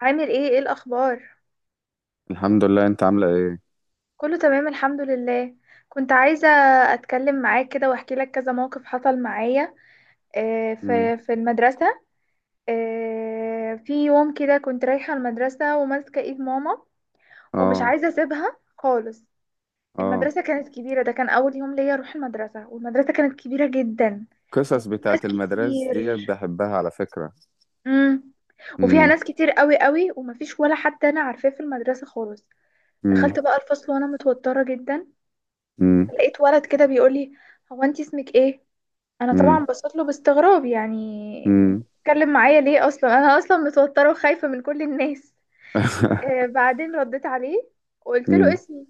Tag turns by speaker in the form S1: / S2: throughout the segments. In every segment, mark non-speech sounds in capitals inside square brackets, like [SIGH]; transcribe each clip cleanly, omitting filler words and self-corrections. S1: عامل ايه الاخبار؟
S2: الحمد لله، انت عاملة ايه؟
S1: كله تمام، الحمد لله. كنت عايزه اتكلم معاك كده واحكي لك كذا موقف حصل معايا.
S2: مم.
S1: في المدرسه. في يوم كده كنت رايحه المدرسه وماسكه ايد ماما، ومش
S2: اه،
S1: عايزه اسيبها خالص.
S2: اه.
S1: المدرسه كانت كبيره، ده كان اول يوم ليا اروح المدرسه، والمدرسه كانت كبيره جدا.
S2: قصص
S1: وفي ناس
S2: بتاعت المدرسة
S1: كتير.
S2: دي بحبها على فكرة.
S1: امم وفيها
S2: مم.
S1: ناس كتير قوي قوي، ومفيش ولا حد انا عارفاه في المدرسه خالص.
S2: مم.
S1: دخلت بقى الفصل وانا متوتره جدا.
S2: مم.
S1: لقيت ولد كده بيقول لي: هو انت اسمك ايه؟ انا طبعا
S2: مم.
S1: بصيت له باستغراب، يعني انت
S2: مم.
S1: بتتكلم معايا ليه؟ اصلا انا اصلا متوتره وخايفه من كل الناس.
S2: [LAUGHS]
S1: بعدين رديت عليه وقلت له
S2: مم.
S1: اسمي.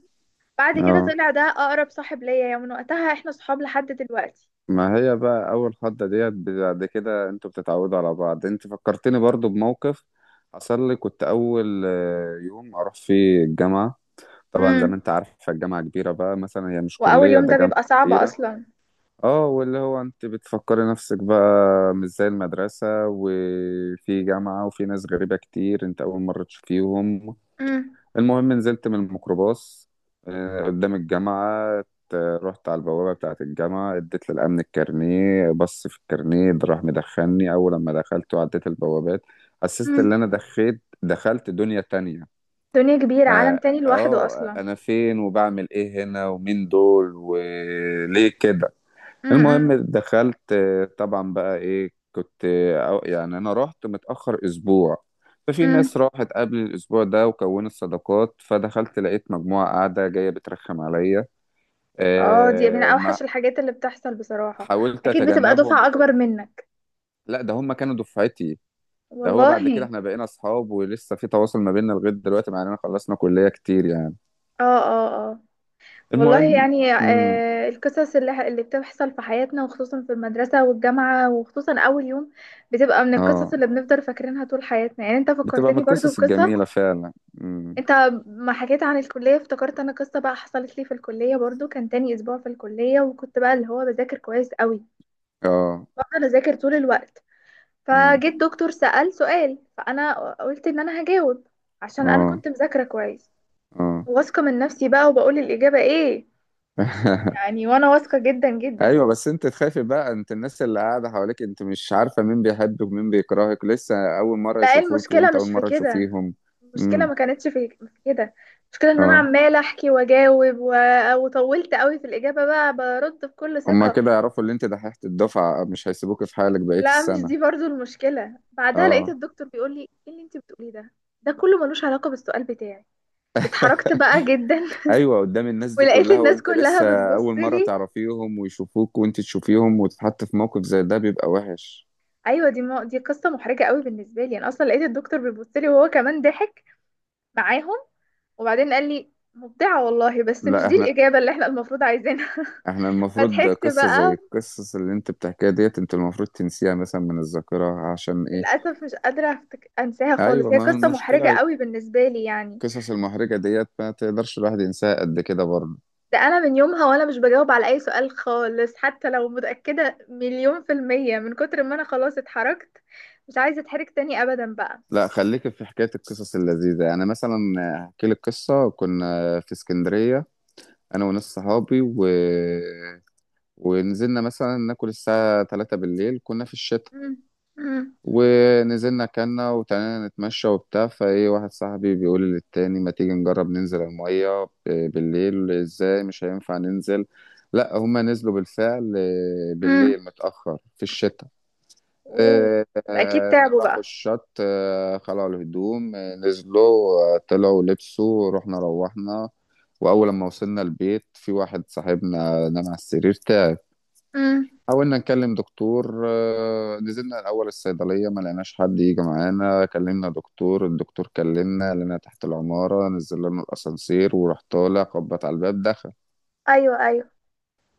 S1: بعد كده
S2: اه.
S1: طلع ده اقرب صاحب ليا، يعني من وقتها احنا صحاب لحد دلوقتي.
S2: ما هي بقى اول خضة ديت، بعد كده انتوا بتتعودوا على بعض. انت فكرتني برضو بموقف حصل لي. كنت اول يوم اروح فيه الجامعة. طبعا زي ما
S1: امم
S2: انت عارفة الجامعة كبيرة بقى، مثلا هي مش
S1: واول
S2: كلية،
S1: يوم
S2: ده
S1: ده
S2: جامعة
S1: بيبقى صعب
S2: كبيرة.
S1: اصلا.
S2: اه، واللي هو انت بتفكري نفسك بقى مش زي المدرسة، وفي جامعة وفي ناس غريبة كتير انت اول مرة تشوفيهم.
S1: امم
S2: المهم نزلت من الميكروباص قدام الجامعة. رحت على البوابة بتاعة الجامعة، اديت للأمن الكارنيه، بص في الكارنيه ده راح مدخلني. أول لما دخلت وعديت البوابات حسيت إن
S1: امم
S2: أنا دخلت دنيا تانية.
S1: دنيا كبيره، عالم
S2: آه.
S1: تاني لوحده اصلا.
S2: أنا فين وبعمل إيه هنا؟ ومين دول؟ وليه كده؟
S1: امم،
S2: المهم دخلت. طبعا بقى ايه كنت يعني انا رحت متأخر اسبوع. ففي ناس
S1: امم،
S2: راحت قبل الاسبوع ده وكونت صداقات، فدخلت لقيت مجموعة قاعدة جاية بترخم عليا.
S1: اه، دي من
S2: ما
S1: اوحش الحاجات اللي بتحصل بصراحه.
S2: حاولت
S1: اكيد بتبقى
S2: اتجنبهم
S1: دفعه اكبر
S2: وكده.
S1: منك.
S2: لا، ده هم كانوا دفعتي. ده هو
S1: والله.
S2: بعد كده احنا بقينا اصحاب ولسه في تواصل ما بيننا لغاية دلوقتي، مع اننا خلصنا كلية كتير يعني.
S1: اه، اه، اه. والله
S2: المهم.
S1: يعني،
S2: امم.
S1: القصص اللي بتحصل في حياتنا، وخصوصا في المدرسة والجامعة، وخصوصا أول يوم، بتبقى من القصص
S2: اه.
S1: اللي بنفضل فاكرينها طول حياتنا. يعني انت
S2: بتبقى من
S1: فكرتني برضو
S2: القصص
S1: بقصة.
S2: الجميلة فعلا. امم.
S1: انت ما حكيت عن الكلية افتكرت انا قصة بقى حصلت لي في الكلية برضو. كان تاني أسبوع في الكلية، وكنت بقى اللي هو بذاكر كويس قوي.
S2: اه.
S1: بفضل أذاكر طول الوقت.
S2: امم.
S1: فجيت دكتور سأل سؤال، فأنا قلت إن أنا هجاوب عشان أنا
S2: اه.
S1: كنت مذاكرة كويس،
S2: اه.
S1: واثقة من نفسي بقى، وبقول الإجابة ايه. يعني وانا واثقة جدا جدا.
S2: ايوه، بس انت تخافي بقى، انت الناس اللي قاعده حواليك انت مش عارفه مين بيحبك ومين بيكرهك، لسه اول مره
S1: لا، إيه،
S2: يشوفوك
S1: المشكلة
S2: وانت اول
S1: مش في
S2: مره
S1: كده.
S2: تشوفيهم.
S1: المشكلة
S2: امم.
S1: ما كانتش في كده. المشكلة ان انا
S2: اه.
S1: عمالة احكي واجاوب وطولت قوي في الاجابة، بقى برد بكل
S2: هما
S1: ثقة.
S2: كده يعرفوا اللي انت دحيحه الدفعه، مش هيسيبوك في حالك بقيه
S1: لا، مش
S2: السنه.
S1: دي برضو المشكلة. بعدها لقيت
S2: اه.
S1: الدكتور بيقول لي: ايه اللي انت بتقوليه ده؟ ده كله ملوش علاقة بالسؤال بتاعي. اتحركت بقى جدا.
S2: [LAUGHS] ايوه، قدام الناس
S1: [LAUGHS]
S2: دي
S1: ولقيت
S2: كلها
S1: الناس
S2: وانت
S1: كلها
S2: لسه اول
S1: بتبص
S2: مره
S1: لي.
S2: تعرفيهم ويشوفوك وانت تشوفيهم، وتتحط في موقف زي ده بيبقى وحش.
S1: ايوه، دي قصة محرجة قوي بالنسبة لي. انا اصلا لقيت الدكتور بيبص لي، وهو كمان ضحك معاهم. وبعدين قال لي: مبدعة والله، بس مش
S2: لا،
S1: دي
S2: احنا
S1: الإجابة اللي احنا المفروض عايزينها.
S2: احنا
S1: [LAUGHS]
S2: المفروض
S1: فضحكت
S2: قصه زي
S1: بقى.
S2: القصص اللي انت بتحكيها ديت انت المفروض تنسيها مثلا من الذاكره، عشان ايه؟
S1: للأسف مش قادرة أنساها خالص.
S2: ايوه،
S1: هي
S2: ما هو
S1: قصة محرجة
S2: المشكله،
S1: قوي بالنسبة لي يعني.
S2: القصص المحرجة ديت ما تقدرش الواحد ينساها قد كده برضه.
S1: ده أنا من يومها وأنا مش بجاوب على أي سؤال خالص، حتى لو متأكدة مليون في المية، من كتر ما أنا خلاص اتحركت. مش عايزة أتحرك تاني أبدا بقى.
S2: لا، خليك في حكاية القصص اللذيذة. يعني مثلا احكي لك قصة كنا في اسكندرية انا وناس صحابي ونزلنا مثلا ناكل الساعة 3 بالليل، كنا في الشتاء.
S1: مم. مم.
S2: ونزلنا كنا وتعالى نتمشى وبتاع، فايه واحد صاحبي بيقول للتاني: ما تيجي نجرب ننزل المية؟ بالليل ازاي؟ مش هينفع ننزل. لا، هما نزلوا بالفعل.
S1: مم.
S2: بالليل متأخر في الشتاء.
S1: أوه. أكيد تعبوا
S2: راحوا
S1: بقى.
S2: الشط، خلعوا الهدوم، نزلوا، طلعوا لبسوا، رحنا روحنا. وأول لما وصلنا البيت في واحد صاحبنا نام على السرير تعب.
S1: مم.
S2: حاولنا نكلم دكتور. نزلنا الأول الصيدلية، ما لقيناش حد يجي معانا، كلمنا دكتور. الدكتور كلمنا لنا تحت العمارة، نزل لنا الأسانسير وراح طالع، خبط على الباب دخل.
S1: أيوه، أيوه.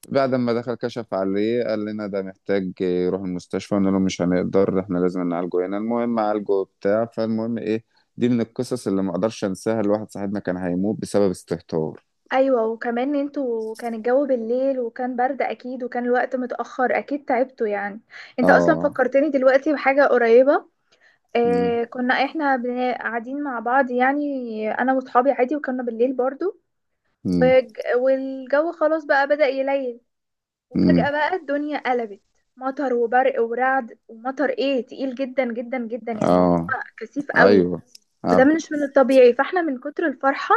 S2: بعد ما دخل كشف عليه، قال لنا ده محتاج يروح المستشفى. قلنا له مش هنقدر، احنا لازم نعالجه هنا. المهم عالجه بتاع. فالمهم ايه، دي من القصص اللي ما اقدرش انساها. الواحد صاحبنا كان هيموت بسبب استهتار.
S1: ايوه، وكمان انتوا كان الجو بالليل، وكان برد اكيد، وكان الوقت متأخر، اكيد تعبتوا يعني. انت اصلا
S2: اه.
S1: فكرتني دلوقتي بحاجة قريبة.
S2: امم.
S1: كنا احنا قاعدين مع بعض، يعني انا واصحابي عادي، وكنا بالليل برضو.
S2: امم.
S1: والجو خلاص بقى بدأ يليل. وفجأة
S2: امم.
S1: بقى الدنيا قلبت. مطر وبرق ورعد، ومطر ايه تقيل جدا جدا جدا، يعني اللي
S2: اه.
S1: هو كثيف قوي.
S2: ايوه.
S1: وده
S2: عارف.
S1: مش من الطبيعي، فاحنا من كتر الفرحة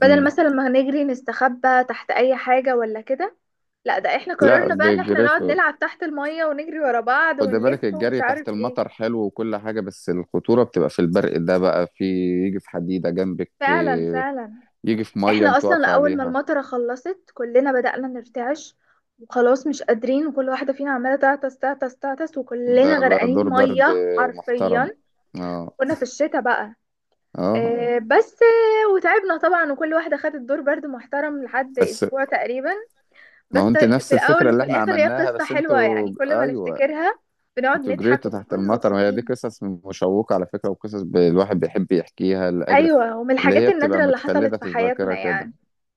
S1: بدل
S2: امم.
S1: مثلا ما هنجري نستخبى تحت اي حاجة ولا كده، لا، ده احنا
S2: لا،
S1: قررنا بقى ان احنا نقعد
S2: بجريته.
S1: نلعب تحت المية، ونجري ورا بعض،
S2: خد بالك،
S1: ونلف، ومش
S2: الجري تحت
S1: عارف
S2: المطر
S1: ايه.
S2: حلو وكل حاجة، بس الخطورة بتبقى في البرق. ده بقى في، يجي في حديدة جنبك،
S1: فعلا، فعلا.
S2: يجي في مية
S1: احنا
S2: انت
S1: اصلا
S2: واقف
S1: اول ما
S2: عليها.
S1: المطرة خلصت كلنا بدأنا نرتعش، وخلاص مش قادرين، وكل واحدة فينا عمالة تعطس تعطس تعطس،
S2: ده
S1: وكلنا
S2: ده
S1: غرقانين
S2: دور برد
S1: مية
S2: محترم.
S1: حرفيا.
S2: اه،
S1: وكنا في الشتاء بقى.
S2: اه،
S1: بس وتعبنا طبعا، وكل واحدة خدت دور برد محترم لحد
S2: بس.
S1: اسبوع تقريبا.
S2: ما هو
S1: بس
S2: انت
S1: في
S2: نفس الفكرة
S1: الأول
S2: اللي
S1: وفي
S2: احنا
S1: الآخر هي
S2: عملناها،
S1: قصة
S2: بس
S1: حلوة،
S2: انتوا
S1: يعني كل ما
S2: ايوه.
S1: نفتكرها بنقعد
S2: انتوا
S1: نضحك
S2: جريتوا تحت
S1: وبنكون
S2: المطر، وهي دي
S1: مبسوطين.
S2: قصص مشوقة على فكرة، وقصص الواحد بيحب يحكيها لأجل
S1: أيوة، ومن
S2: اللي
S1: الحاجات
S2: هي بتبقى
S1: النادرة اللي حصلت
S2: متخلدة
S1: في
S2: في الذاكرة
S1: حياتنا
S2: كده.
S1: يعني.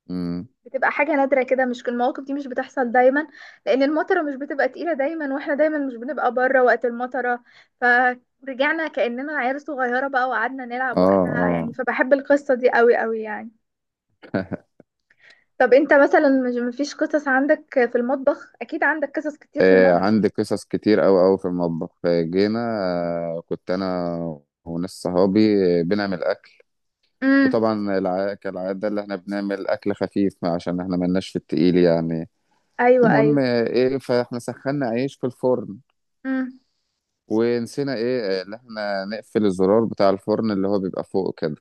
S2: امم.
S1: بتبقى حاجة نادرة كده، مش كل المواقف دي مش بتحصل دايما. لأن المطرة مش بتبقى تقيلة دايما، واحنا دايما مش بنبقى بره وقت المطرة. فرجعنا كأننا عيال صغيرة بقى، وقعدنا نلعب
S2: اه.
S1: وقتها،
S2: اه.
S1: يعني فبحب القصة دي قوي قوي يعني.
S2: [LAUGHS]
S1: طب انت مثلا مش مفيش قصص عندك؟ في المطبخ اكيد عندك قصص كتير في المطبخ.
S2: عندي قصص كتير أوي أوي في المطبخ. آه، جينا آه، كنت أنا وناس صحابي بنعمل.
S1: امم.
S2: وطبعا كالعادة اللي احنا بنعمل أكل خفيف عشان احنا ملناش في التقيل يعني.
S1: ايوه،
S2: المهم ايه، فاحنا سخنا عيش في الفرن
S1: ايوه،
S2: ونسينا ايه اللي احنا نقفل الزرار بتاع الفرن اللي هو بيبقى فوق كده.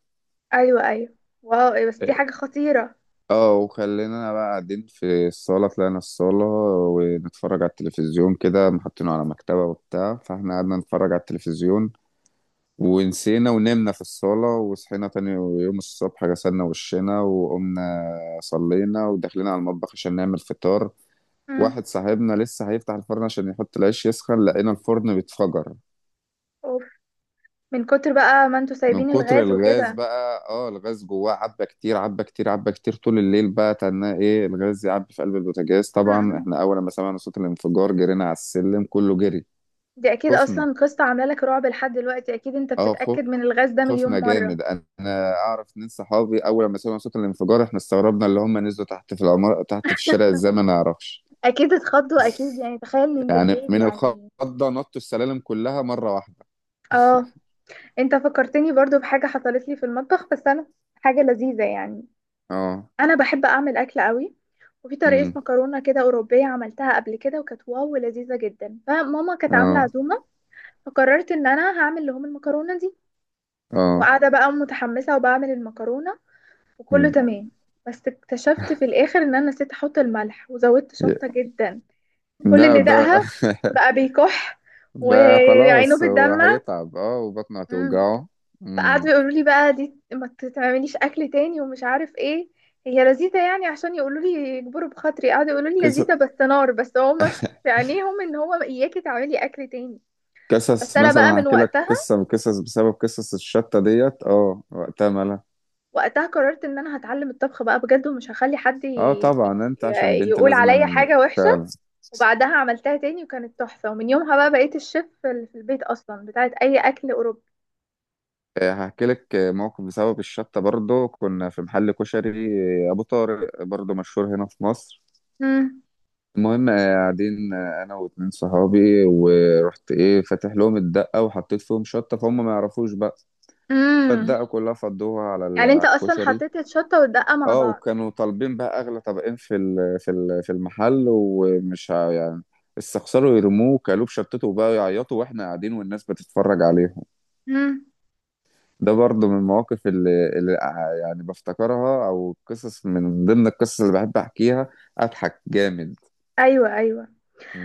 S1: ايوه، ايوه. واو، إيه بس! دي
S2: إيه،
S1: حاجة خطيرة.
S2: اه، وخلينا بقى قاعدين في الصالة، طلعنا الصالة ونتفرج على التلفزيون كده محطينه على مكتبة وبتاع، فاحنا قعدنا نتفرج على التلفزيون ونسينا ونمنا في الصالة. وصحينا تاني يوم الصبح، غسلنا وشنا وقمنا صلينا ودخلنا على المطبخ عشان نعمل فطار.
S1: امم.
S2: واحد صاحبنا لسه هيفتح الفرن عشان يحط العيش يسخن، لقينا الفرن بيتفجر.
S1: اوف. من كتر بقى ما انتوا
S2: من
S1: سايبين
S2: كتر
S1: الغاز
S2: الغاز
S1: وكده.
S2: بقى، اه، الغاز جواه عبى كتير عبى كتير عبى كتير طول الليل، بقى تناه ايه الغاز يعبي في قلب البوتاجاز. طبعا
S1: امم
S2: احنا اول ما سمعنا صوت الانفجار جرينا على السلم كله جري.
S1: دي اكيد
S2: خفنا،
S1: اصلا قصة عاملة لك رعب لحد دلوقتي، اكيد انت
S2: اه،
S1: بتتأكد من الغاز ده مليون
S2: خوفنا
S1: مرة.
S2: جامد. انا اعرف اتنين صحابي اول ما سمعوا صوت الانفجار، احنا استغربنا اللي هم نزلوا تحت في العمارة تحت في الشارع ازاي، ما نعرفش.
S1: اكيد اتخضوا، اكيد يعني، تخيل من
S2: يعني
S1: بالليل
S2: من
S1: يعني.
S2: الخضة نطوا السلالم كلها مرة واحدة.
S1: اه. انت فكرتني برضو بحاجة حصلت لي في المطبخ، بس انا حاجة لذيذة يعني.
S2: اه.
S1: انا بحب اعمل اكل قوي. وفي طريقة
S2: امم.
S1: مكرونة كده أوروبية عملتها قبل كده وكانت واو لذيذة جدا. فماما كانت عاملة
S2: اه.
S1: عزومة. فقررت إن أنا هعمل لهم المكرونة دي.
S2: اه.
S1: وقاعدة بقى متحمسة وبعمل المكرونة، وكله
S2: مم.
S1: تمام. بس اكتشفت في الآخر إن أنا نسيت أحط الملح وزودت
S2: ي-
S1: شطة جدا. كل
S2: لا،
S1: اللي
S2: ده [LAUGHS]
S1: دقها بقى بيكح،
S2: ده
S1: وعينه
S2: خلاص، هو
S1: بتدمع
S2: هيتعب، اه، وبطنه
S1: مم.
S2: هتوجعه.
S1: فقعدوا
S2: مم.
S1: يقولوا لي بقى: دي ما تعمليش أكل تاني ومش عارف إيه. هي لذيذة، يعني عشان يقولوا لي، يجبروا بخاطري، قعدوا يقولوا لي
S2: قصص.
S1: لذيذة بس نار. بس هما في عينيهم إن هو إياكي تعملي أكل تاني. بس
S2: قصص
S1: أنا بقى
S2: مثلا
S1: من
S2: هحكي لك
S1: وقتها،
S2: قصة، من قصص بسبب قصص الشطة ديت، اه، وقتها مالها.
S1: وقتها قررت ان انا هتعلم الطبخ بقى بجد، ومش هخلي حد
S2: اه، طبعا انت عشان بنت
S1: يقول
S2: لازم.
S1: عليا حاجة وحشة.
S2: فعلا.
S1: وبعدها عملتها تاني وكانت تحفة، ومن يومها بقى بقيت الشيف اللي في البيت اصلا بتاعت اي اكل اوروبي.
S2: هحكي لك موقف بسبب الشطة برضو. كنا في محل كشري أبو طارق، برضو مشهور هنا في مصر.
S1: امم
S2: المهم قاعدين أنا واتنين صحابي، ورحت فاتح لهم الدقة وحطيت فيهم شطة، فهم ما يعرفوش بقى.
S1: امم
S2: فالدقة كلها فضوها
S1: يعني انت
S2: على
S1: اصلا
S2: الكشري.
S1: حطيت الشطة والدقة مع
S2: اه،
S1: بعض؟
S2: وكانوا طالبين بقى اغلى طبقين في المحل، يعني استخسروا يرموه، كلوب شطته، بقى يعيطوا واحنا قاعدين والناس بتتفرج عليهم.
S1: امم.
S2: ده برضه من المواقف اللي يعني بفتكرها، او قصص من ضمن القصص اللي بحب احكيها. اضحك جامد.
S1: ايوه، ايوه.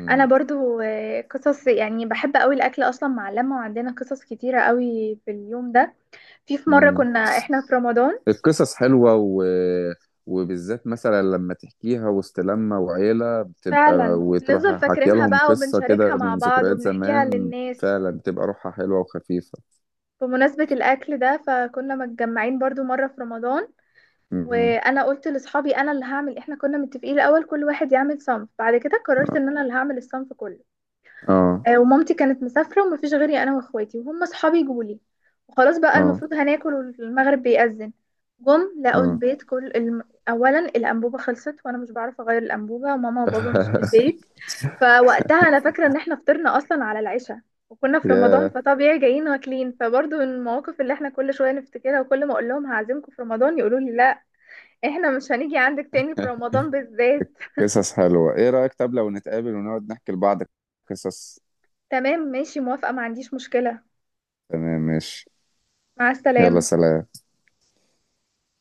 S1: انا برضو، قصص يعني. بحب قوي الاكل اصلا مع اللمه، وعندنا قصص كتيره قوي في اليوم ده. في مره
S2: امم.
S1: كنا احنا في رمضان.
S2: القصص حلوة وبالذات مثلا لما تحكيها وسط لمة وعيلة بتبقى،
S1: فعلا
S2: وتروح
S1: بنفضل
S2: حكي
S1: فاكرينها
S2: لهم
S1: بقى،
S2: قصة
S1: وبنشاركها
S2: كده
S1: مع
S2: من
S1: بعض،
S2: ذكريات
S1: وبنحكيها
S2: زمان.
S1: للناس.
S2: فعلا بتبقى روحها حلوة وخفيفة.
S1: بمناسبة الأكل ده، فكنا متجمعين برضو مرة في رمضان.
S2: م.
S1: وأنا قلت لأصحابي أنا اللي هعمل. إحنا كنا متفقين الأول كل واحد يعمل صنف، بعد كده قررت إن أنا اللي هعمل الصنف كله.
S2: اه.
S1: ومامتي كانت مسافرة ومفيش غيري أنا وإخواتي، وهم أصحابي جولي. وخلاص بقى
S2: اه.
S1: المفروض هناكل والمغرب بيأذن. جم لقوا
S2: اه.
S1: البيت أولا الأنبوبة خلصت، وأنا مش بعرف أغير الأنبوبة، وماما وبابا مش في
S2: [LAUGHS]
S1: البيت. فوقتها أنا فاكرة إن إحنا فطرنا أصلا على العشاء. وكنا في رمضان
S2: يا.
S1: فطبيعي جايين واكلين. فبرضه من المواقف اللي احنا كل شوية نفتكرها، وكل ما اقول لهم هعزمكم في رمضان يقولوا لي: لا، احنا مش هنيجي عندك تاني في رمضان بالذات.
S2: قصص حلوة. ايه رأيك طب لو نتقابل ونقعد نحكي لبعض قصص؟
S1: تمام، ماشي، موافقة، ما عنديش مشكلة.
S2: تمام، ماشي.
S1: مع
S2: يلا،
S1: السلامة.
S2: سلام.